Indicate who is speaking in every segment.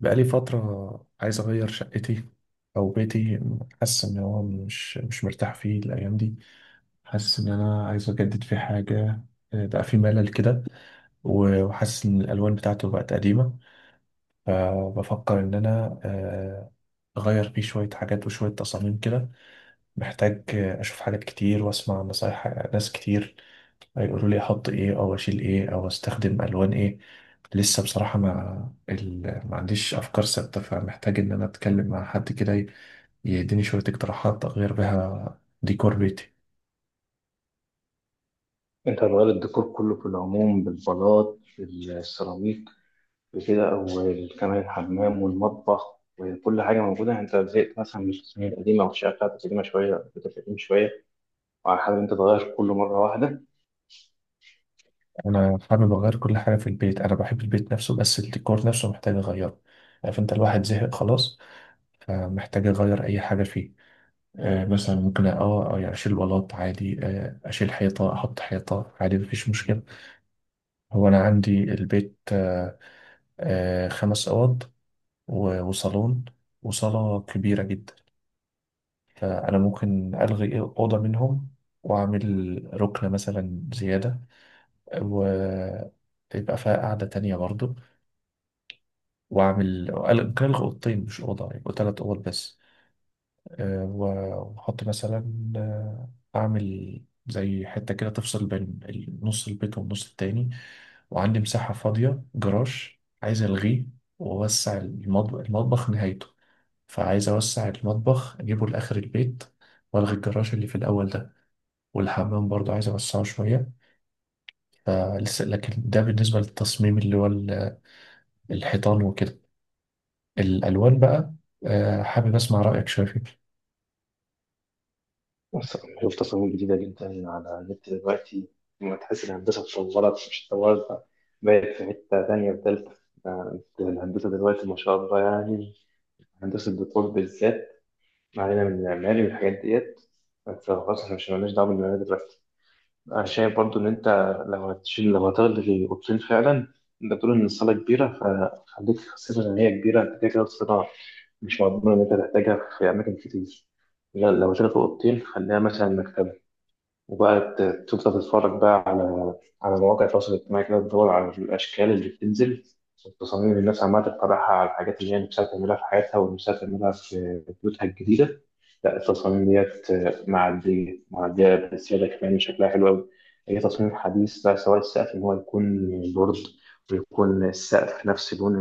Speaker 1: بقالي فترة عايز أغير شقتي أو بيتي. حاسس إن هو مش مرتاح فيه الأيام دي. حاسس إن أنا عايز أجدد فيه حاجة، بقى فيه ملل كده. وحاسس إن الألوان بتاعته بقت قديمة. فبفكر إن أنا أغير فيه شوية حاجات وشوية تصاميم كده. محتاج أشوف حاجات كتير وأسمع نصايح ناس كتير هيقولوا لي أحط إيه أو أشيل إيه أو أستخدم ألوان إيه. لسه بصراحة ما عنديش أفكار ثابتة، فمحتاج إن أنا أتكلم مع حد كده يديني شوية اقتراحات أغير بيها ديكور بيتي.
Speaker 2: انت هتغير الديكور كله في العموم، بالبلاط بالسيراميك بكده، او كمان الحمام والمطبخ وكل حاجه موجوده. يعني انت زهقت مثلا من التصميم القديمه، او الشقه بتاعتك قديمه شويه، بتاعتك قديم شويه، وعلى حال انت تغير كله مره واحده.
Speaker 1: أنا حابب أغير كل حاجة في البيت. أنا بحب البيت نفسه بس الديكور نفسه محتاج أغيره. عارف أنت الواحد زهق خلاص، فمحتاج أغير أي حاجة فيه. مثلا ممكن يعني اشيل بلاط عادي، اشيل حيطه احط حيطه عادي مفيش مشكله. هو انا عندي البيت خمس اوض وصالون وصاله كبيره جدا. فانا ممكن الغي اوضه منهم واعمل ركنه مثلا زياده ويبقى فيها قاعده تانية برضو. واعمل ممكن الغي اوضتين مش اوضه يبقوا ثلاث اوض بس. واحط مثلا آه، اعمل زي حته كده تفصل بين نص البيت والنص التاني. وعندي مساحه فاضيه جراج عايز الغيه واوسع المطبخ نهايته. فعايز اوسع المطبخ اجيبه لاخر البيت والغي الجراج اللي في الاول ده. والحمام برضه عايز اوسعه شويه. فلسه لكن ده بالنسبه للتصميم اللي هو الحيطان وكده. الالوان بقى، حابب اسمع رايك شويه فيه.
Speaker 2: بس شوف تصاميم جديده جدا على النت دلوقتي. لما تحس الهندسه اتطورت مش اتطورت، بقت في حته تانيه وتالته. ده الهندسه دلوقتي ما شاء الله، يعني هندسه الديكور بالذات. ما علينا من المعماري والحاجات ديت، بس خلاص احنا مش مالناش دعوه بالمعماري دلوقتي. انا شايف برضو ان انت لو هتشيل، لو هتلغي اوضتين فعلا، انت بتقول ان الصاله كبيره، فخليك خاصه ان هي كبيره، انت كده كده الصاله مش مضمون ان انت تحتاجها في اماكن كتير. لا لو شلت اوضتين خليها مثلا مكتبه، وبقى تفضل تتفرج بقى على مواقع التواصل الاجتماعي كده، تدور على الأشكال اللي بتنزل والتصاميم اللي الناس عمالة تقترحها، على الحاجات اللي هي نفسها تعملها في حياتها ونفسها تعملها في بيوتها الجديدة. لا التصاميم ديت معدية معدية بزيادة، كمان شكلها حلو أوي. أي تصميم حديث بقى، سواء السقف إن هو يكون بورد، ويكون السقف نفس لون،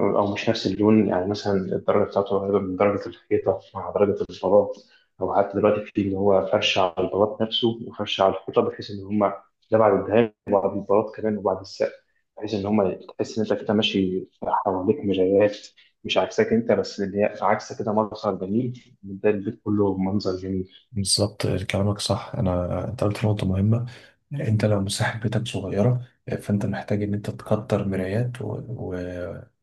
Speaker 2: أو مش نفس اللون. يعني مثلا الدرجة بتاعته قريبة من درجة الحيطة مع درجة البلاط، أو حتى دلوقتي في اللي هو فرش على البلاط نفسه، وفرش على الحيطة، بحيث إن هما، ده بعد الدهان وبعد البلاط كمان وبعد السقف، بحيث إن هما تحس إن أنت كده ماشي حواليك مرايات. مش عكسك أنت بس اللي هي عكسك، كده منظر جميل، ده البيت كله منظر جميل.
Speaker 1: بالظبط كلامك صح، انا انت قلت نقطه مهمه. انت لو مساحة بيتك صغيرة، فانت محتاج ان انت تكتر مرايات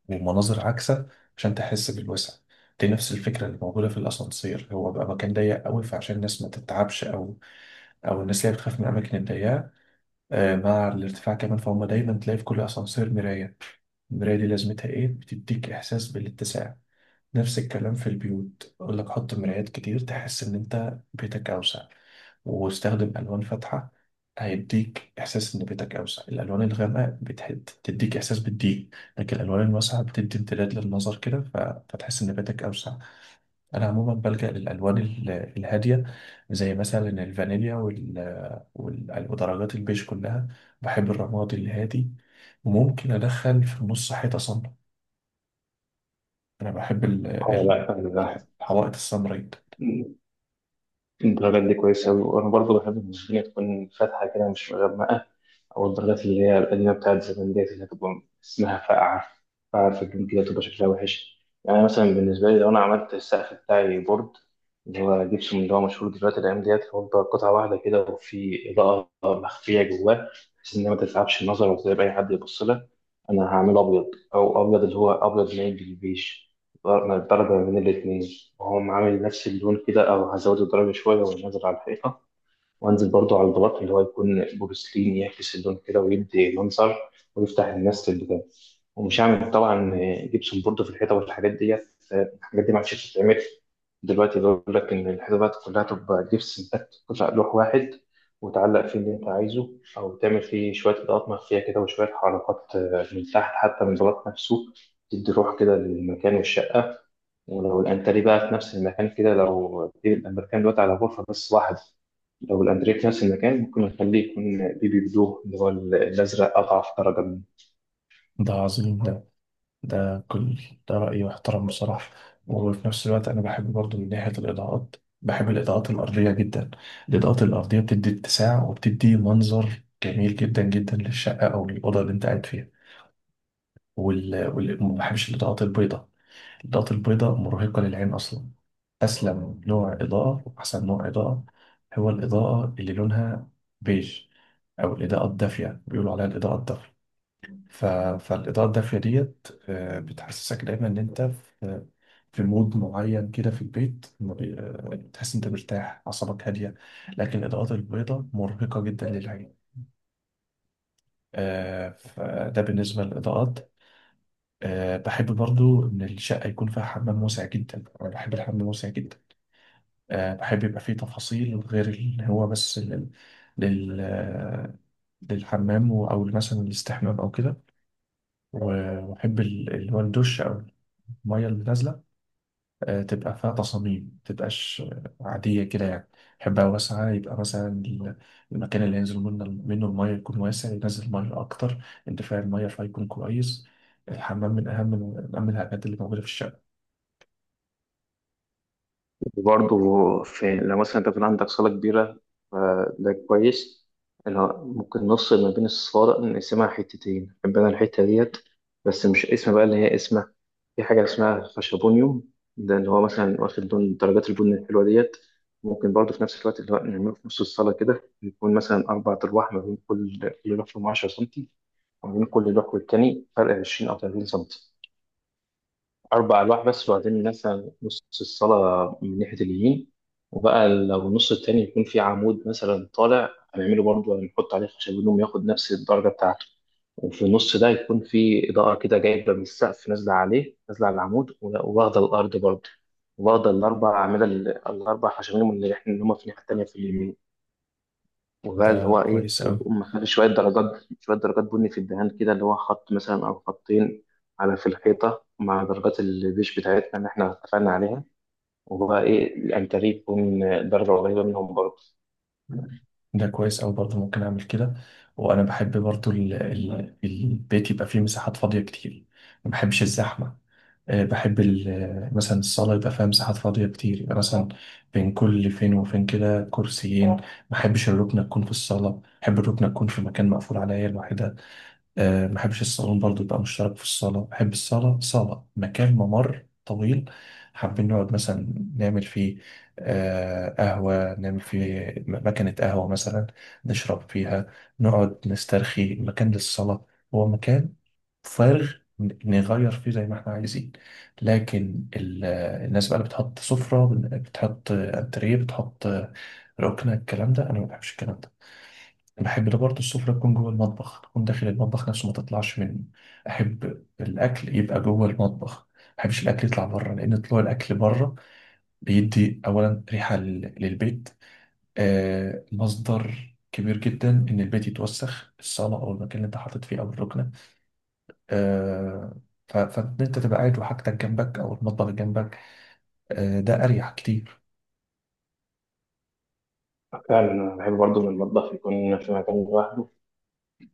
Speaker 1: ومناظر عكسة عشان تحس بالوسع. دي نفس الفكرة اللي موجودة في الأسانسير، هو بقى مكان ضيق قوي فعشان الناس ما تتعبش أو الناس اللي هي بتخاف من الأماكن الضيقة مع الارتفاع كمان، فهم دايما تلاقي في كل أسانسير مراية. المراية دي لازمتها إيه؟ بتديك إحساس بالاتساع. نفس الكلام في البيوت، أقول لك حط مرايات كتير تحس إن أنت بيتك أوسع، واستخدم ألوان فاتحة هيديك إحساس إن بيتك أوسع. الألوان الغامقة بتحد تديك إحساس بالضيق، لكن الألوان الواسعة بتدي امتداد للنظر كده، فتحس إن بيتك أوسع. أنا عموما بلجأ للألوان الهادية، زي مثلا الفانيليا ودرجات البيج كلها. بحب الرمادي الهادي، وممكن أدخل في النص حيطة صنبا. أنا بحب
Speaker 2: أه لا أنا ده
Speaker 1: الحوائط السمراء.
Speaker 2: الدرجات دي كويسة أوي. وأنا برضه بحب إن الدنيا تكون فاتحة كده مش مغمقة. او الدرجات اللي هي القديمه بتاعت زمان ديت اللي هتبقى اسمها فاقعه، فاقعه في الجنب كده تبقى شكلها وحش. يعني مثلا بالنسبه لي، لو انا عملت السقف بتاعي بورد، اللي هو جبسون اللي هو مشهور دلوقتي الايام ديت، اللي هو قطعه واحده كده وفي اضاءه مخفيه جواه، بحيث انها ما تتعبش النظر وتتعب اي حد يبص لها، انا هعمله ابيض. او ابيض اللي هو ابيض مايل بالبيج، درجه من الاثنين، وهو عامل نفس اللون كده، او هزود الدرجه شويه وانزل على الحيطه، وانزل برضو على الغلاف اللي هو يكون بورسلين يعكس اللون كده ويدي منظر، ويفتح الناس للبتاع. ومش هعمل طبعا جبسون برضو في الحيطه والحاجات ديت، الحاجات دي ما عادش بتتعمل. دلوقتي بيقول لك ان الحيطه بقت كلها تبقى جبس، انت تطلع لوح واحد وتعلق فيه اللي انت عايزه، او تعمل فيه شويه اضاءات مخفيه كده وشويه حركات من تحت حتى من الغلاف نفسه، تدي روح كده للمكان والشقه. ولو الانتريه بقى في نفس المكان كده، لو المكان دلوقتي على غرفة بس واحدة، لو الانتريه في نفس المكان ممكن نخليه يكون بيبي بلو، اللي هو الازرق اضعف درجة منه.
Speaker 1: ده عظيم ده. ده كل ده رأيي واحترم بصراحة. وفي نفس الوقت أنا بحب برضو من ناحية الإضاءات. بحب الإضاءات الأرضية جدا. الإضاءات الأرضية بتدي اتساع وبتدي منظر جميل جدا جدا للشقة أو للأوضة اللي أنت قاعد فيها. ما بحبش الإضاءات البيضاء. الإضاءات البيضاء مرهقة للعين أصلا. أسلم نوع إضاءة وأحسن نوع إضاءة هو الإضاءة اللي لونها بيج، أو الإضاءة الدافية، بيقولوا عليها الإضاءة الدافية. ف... فالإضاءة الداخلية ديت بتحسسك دايما إن أنت في مود معين كده في البيت. ما بي- آه، بتحس أنت مرتاح أعصابك هادية. لكن الإضاءات البيضاء مرهقة جدا للعين. فده بالنسبة للإضاءات. بحب برضو إن الشقة يكون فيها حمام واسع جدا. أنا بحب الحمام واسع جدا. بحب يبقى فيه تفاصيل غير اللي هو بس لل... لل... آه، للحمام أو مثلا الاستحمام أو كده. وأحب اللي هو الدش أو المية اللي نازلة تبقى فيها تصاميم ما تبقاش عادية كده يعني. يحبها واسعة، يبقى مثلا المكان اللي ينزل منه المية يكون واسع ينزل مية أكتر، انتفاع المية فيكون كويس. الحمام من أهم الحاجات اللي موجودة في الشقة.
Speaker 2: وبرضه في لو مثلا انت بيكون عندك صالة كبيرة فده كويس، اللي هو ممكن نفصل ما بين الصالة، نقسمها حتتين، نحب انا الحتة ديت بس مش اسم بقى اللي هي اسمها. في حاجة اسمها خشبونيوم، ده اللي هو مثلا واخد لون درجات البن الحلوة ديت. ممكن برضه في نفس الوقت اللي هو نعمله في نص الصالة كده، يكون مثلا أربع أرواح ما بين كل لوح فيهم 10 سنتي، وما بين كل لوح والتاني فرق 20 أو 30 سنتي، أربع ألواح بس. وبعدين مثلا نص الصلاة من ناحية اليمين، وبقى لو النص التاني يكون فيه عمود مثلا طالع، هنعمله برضه هنحط عليه خشب هدوم ياخد نفس الدرجة بتاعته. وفي النص ده يكون فيه إضاءة كده جايبة من السقف، نازلة عليه، نازلة على العمود وواخدة الأرض برضه، واخدة الأربع أعمدة، الأربع خشب هدوم اللي إحنا اللي هما في الناحية التانية في اليمين. وبقى اللي
Speaker 1: ده
Speaker 2: هو ايه،
Speaker 1: كويس أوي.
Speaker 2: تقوم مخلي شويه درجات، شويه درجات بني في الدهان كده، اللي هو خط مثلا او خطين على في الحيطه، مع درجات البيش بتاعتنا اللي احنا اتفقنا عليها. وبقى ايه الانتريه يكون درجه قريبه منهم برضه.
Speaker 1: ده كويس أوي، برضه ممكن أعمل كده. وأنا بحب برضه البيت يبقى فيه مساحات فاضية كتير. ما بحبش الزحمة. بحب مثلا الصالة يبقى فيها مساحات فاضية كتير، يبقى مثلا بين كل فين وفين كده كرسيين. ما بحبش الركنة تكون في الصالة، بحب الركنة تكون في مكان مقفول عليا لوحدها. ما بحبش الصالون برضو يبقى مشترك في الصالة، بحب الصالة صالة مكان ممر طويل. حابين نقعد مثلا نعمل فيه قهوة، نعمل فيه مكنة قهوة مثلا نشرب فيها، نقعد نسترخي، مكان للصلاة، هو مكان فارغ نغير فيه زي ما احنا عايزين. لكن الناس بقى اللي بتحط سفرة بتحط انتريه بتحط ركنة، الكلام ده انا ما بحبش الكلام ده. انا بحب ده برضه السفرة تكون جوه المطبخ، تكون داخل المطبخ نفسه ما تطلعش منه. احب الاكل يبقى جوه المطبخ، ما بحبش الاكل يطلع بره، لان طلوع الاكل بره بيدي اولا ريحة للبيت. مصدر كبير جدا ان البيت يتوسخ، الصالة او المكان اللي انت حاطط فيه او الركنة. آه، فإن أنت تبقى قاعد وحاجتك جنبك أو المطبخ جنبك ده أريح كتير.
Speaker 2: فعلا انا بحب برضه ان المطبخ يكون في مكان لوحده،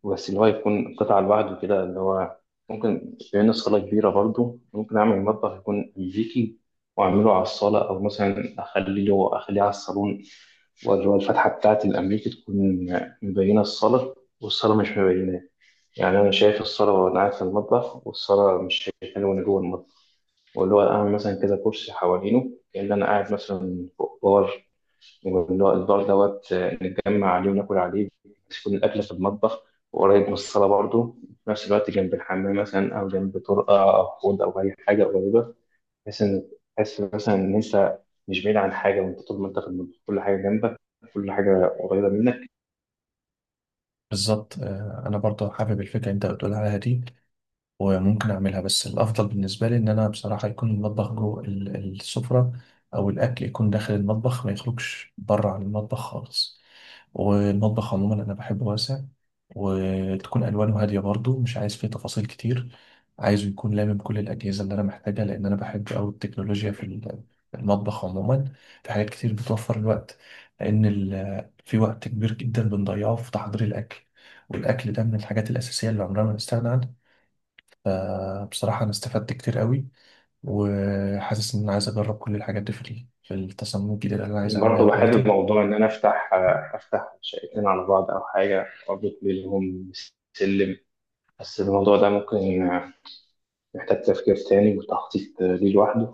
Speaker 2: بس اللي هو يكون قطعه لوحده كده، اللي هو ممكن لأن الصاله كبيره، برضه ممكن اعمل مطبخ يكون امريكي، واعمله على الصاله، او مثلا اخليه له، اخليه على الصالون. واللي هو الفتحة بتاعت الأمريكي تكون مبينة الصالة، والصالة مش مبينة. يعني أنا شايف الصالة وأنا قاعد في المطبخ، والصالة مش شايفاني وأنا جوه المطبخ. واللي هو أعمل مثلا كده كرسي حوالينه، كأن أنا قاعد مثلا فوق بار، واللي هو البار دوت نتجمع عليه وناكل عليه، بس يكون الأكل في المطبخ وقريب من الصالة برضه. في نفس الوقت جنب الحمام مثلا، أو جنب طرقة أو حوض أو أي حاجة قريبة، بحيث ان تحس مثلا ان انت مش بعيد عن حاجه، وانت طول ما انت في المطبخ كل حاجه جنبك، كل حاجه قريبه منك.
Speaker 1: بالظبط. أنا برضه حابب الفكرة اللي أنت بتقول عليها دي وممكن اعملها، بس الافضل بالنسبه لي ان انا بصراحه يكون المطبخ جوه السفره، او الاكل يكون داخل المطبخ ما يخرجش بره عن المطبخ خالص. والمطبخ عموما انا بحبه واسع، وتكون الوانه هاديه برضو مش عايز فيه تفاصيل كتير. عايزه يكون لامم كل الاجهزه اللي انا محتاجها، لان انا بحب قوي التكنولوجيا في في المطبخ عموما. في حاجات كتير بتوفر الوقت، لان في وقت كبير جدا بنضيعه في تحضير الاكل، والاكل ده من الحاجات الاساسيه اللي عمرنا ما نستغنى عنها. بصراحة أنا استفدت كتير قوي، وحاسس إن أنا عايز أجرب كل الحاجات دي في في التصميم الجديد اللي أنا عايز أعملها
Speaker 2: برضه
Speaker 1: في
Speaker 2: بحب
Speaker 1: بيتي.
Speaker 2: موضوع ان انا افتح شقتين على بعض او حاجه واربط بينهم سلم. بس الموضوع ده ممكن محتاج تفكير تاني وتخطيط ليه لوحده.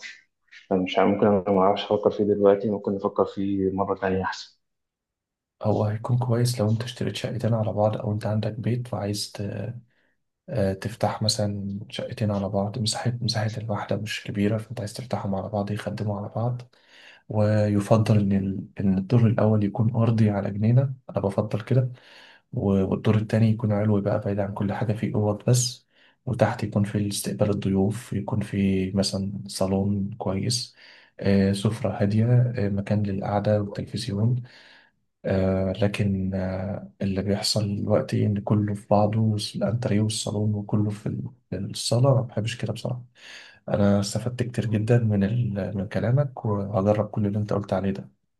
Speaker 2: ممكن انا ما اعرفش افكر فيه دلوقتي، ممكن نفكر فيه مره تانيه احسن.
Speaker 1: هو هيكون كويس لو أنت اشتريت شقتين على بعض، أو أنت عندك بيت وعايز تفتح مثلا شقتين على بعض مساحة الواحدة مش كبيرة، فأنت عايز تفتحهم على بعض يخدموا على بعض. ويفضل إن إن الدور الأول يكون أرضي على جنينة، أنا بفضل كده. والدور التاني يكون علوي بقى بعيد عن كل حاجة فيه أوض بس. وتحت يكون في استقبال الضيوف، يكون في مثلا صالون كويس، سفرة هادية، مكان للقعدة والتلفزيون. لكن اللي بيحصل دلوقتي إن كله في بعضه الأنتريه والصالون وكله في الصالة، ما بحبش كده بصراحة. أنا استفدت كتير جدا من من كلامك وهجرب كل اللي أنت قلت عليه ده.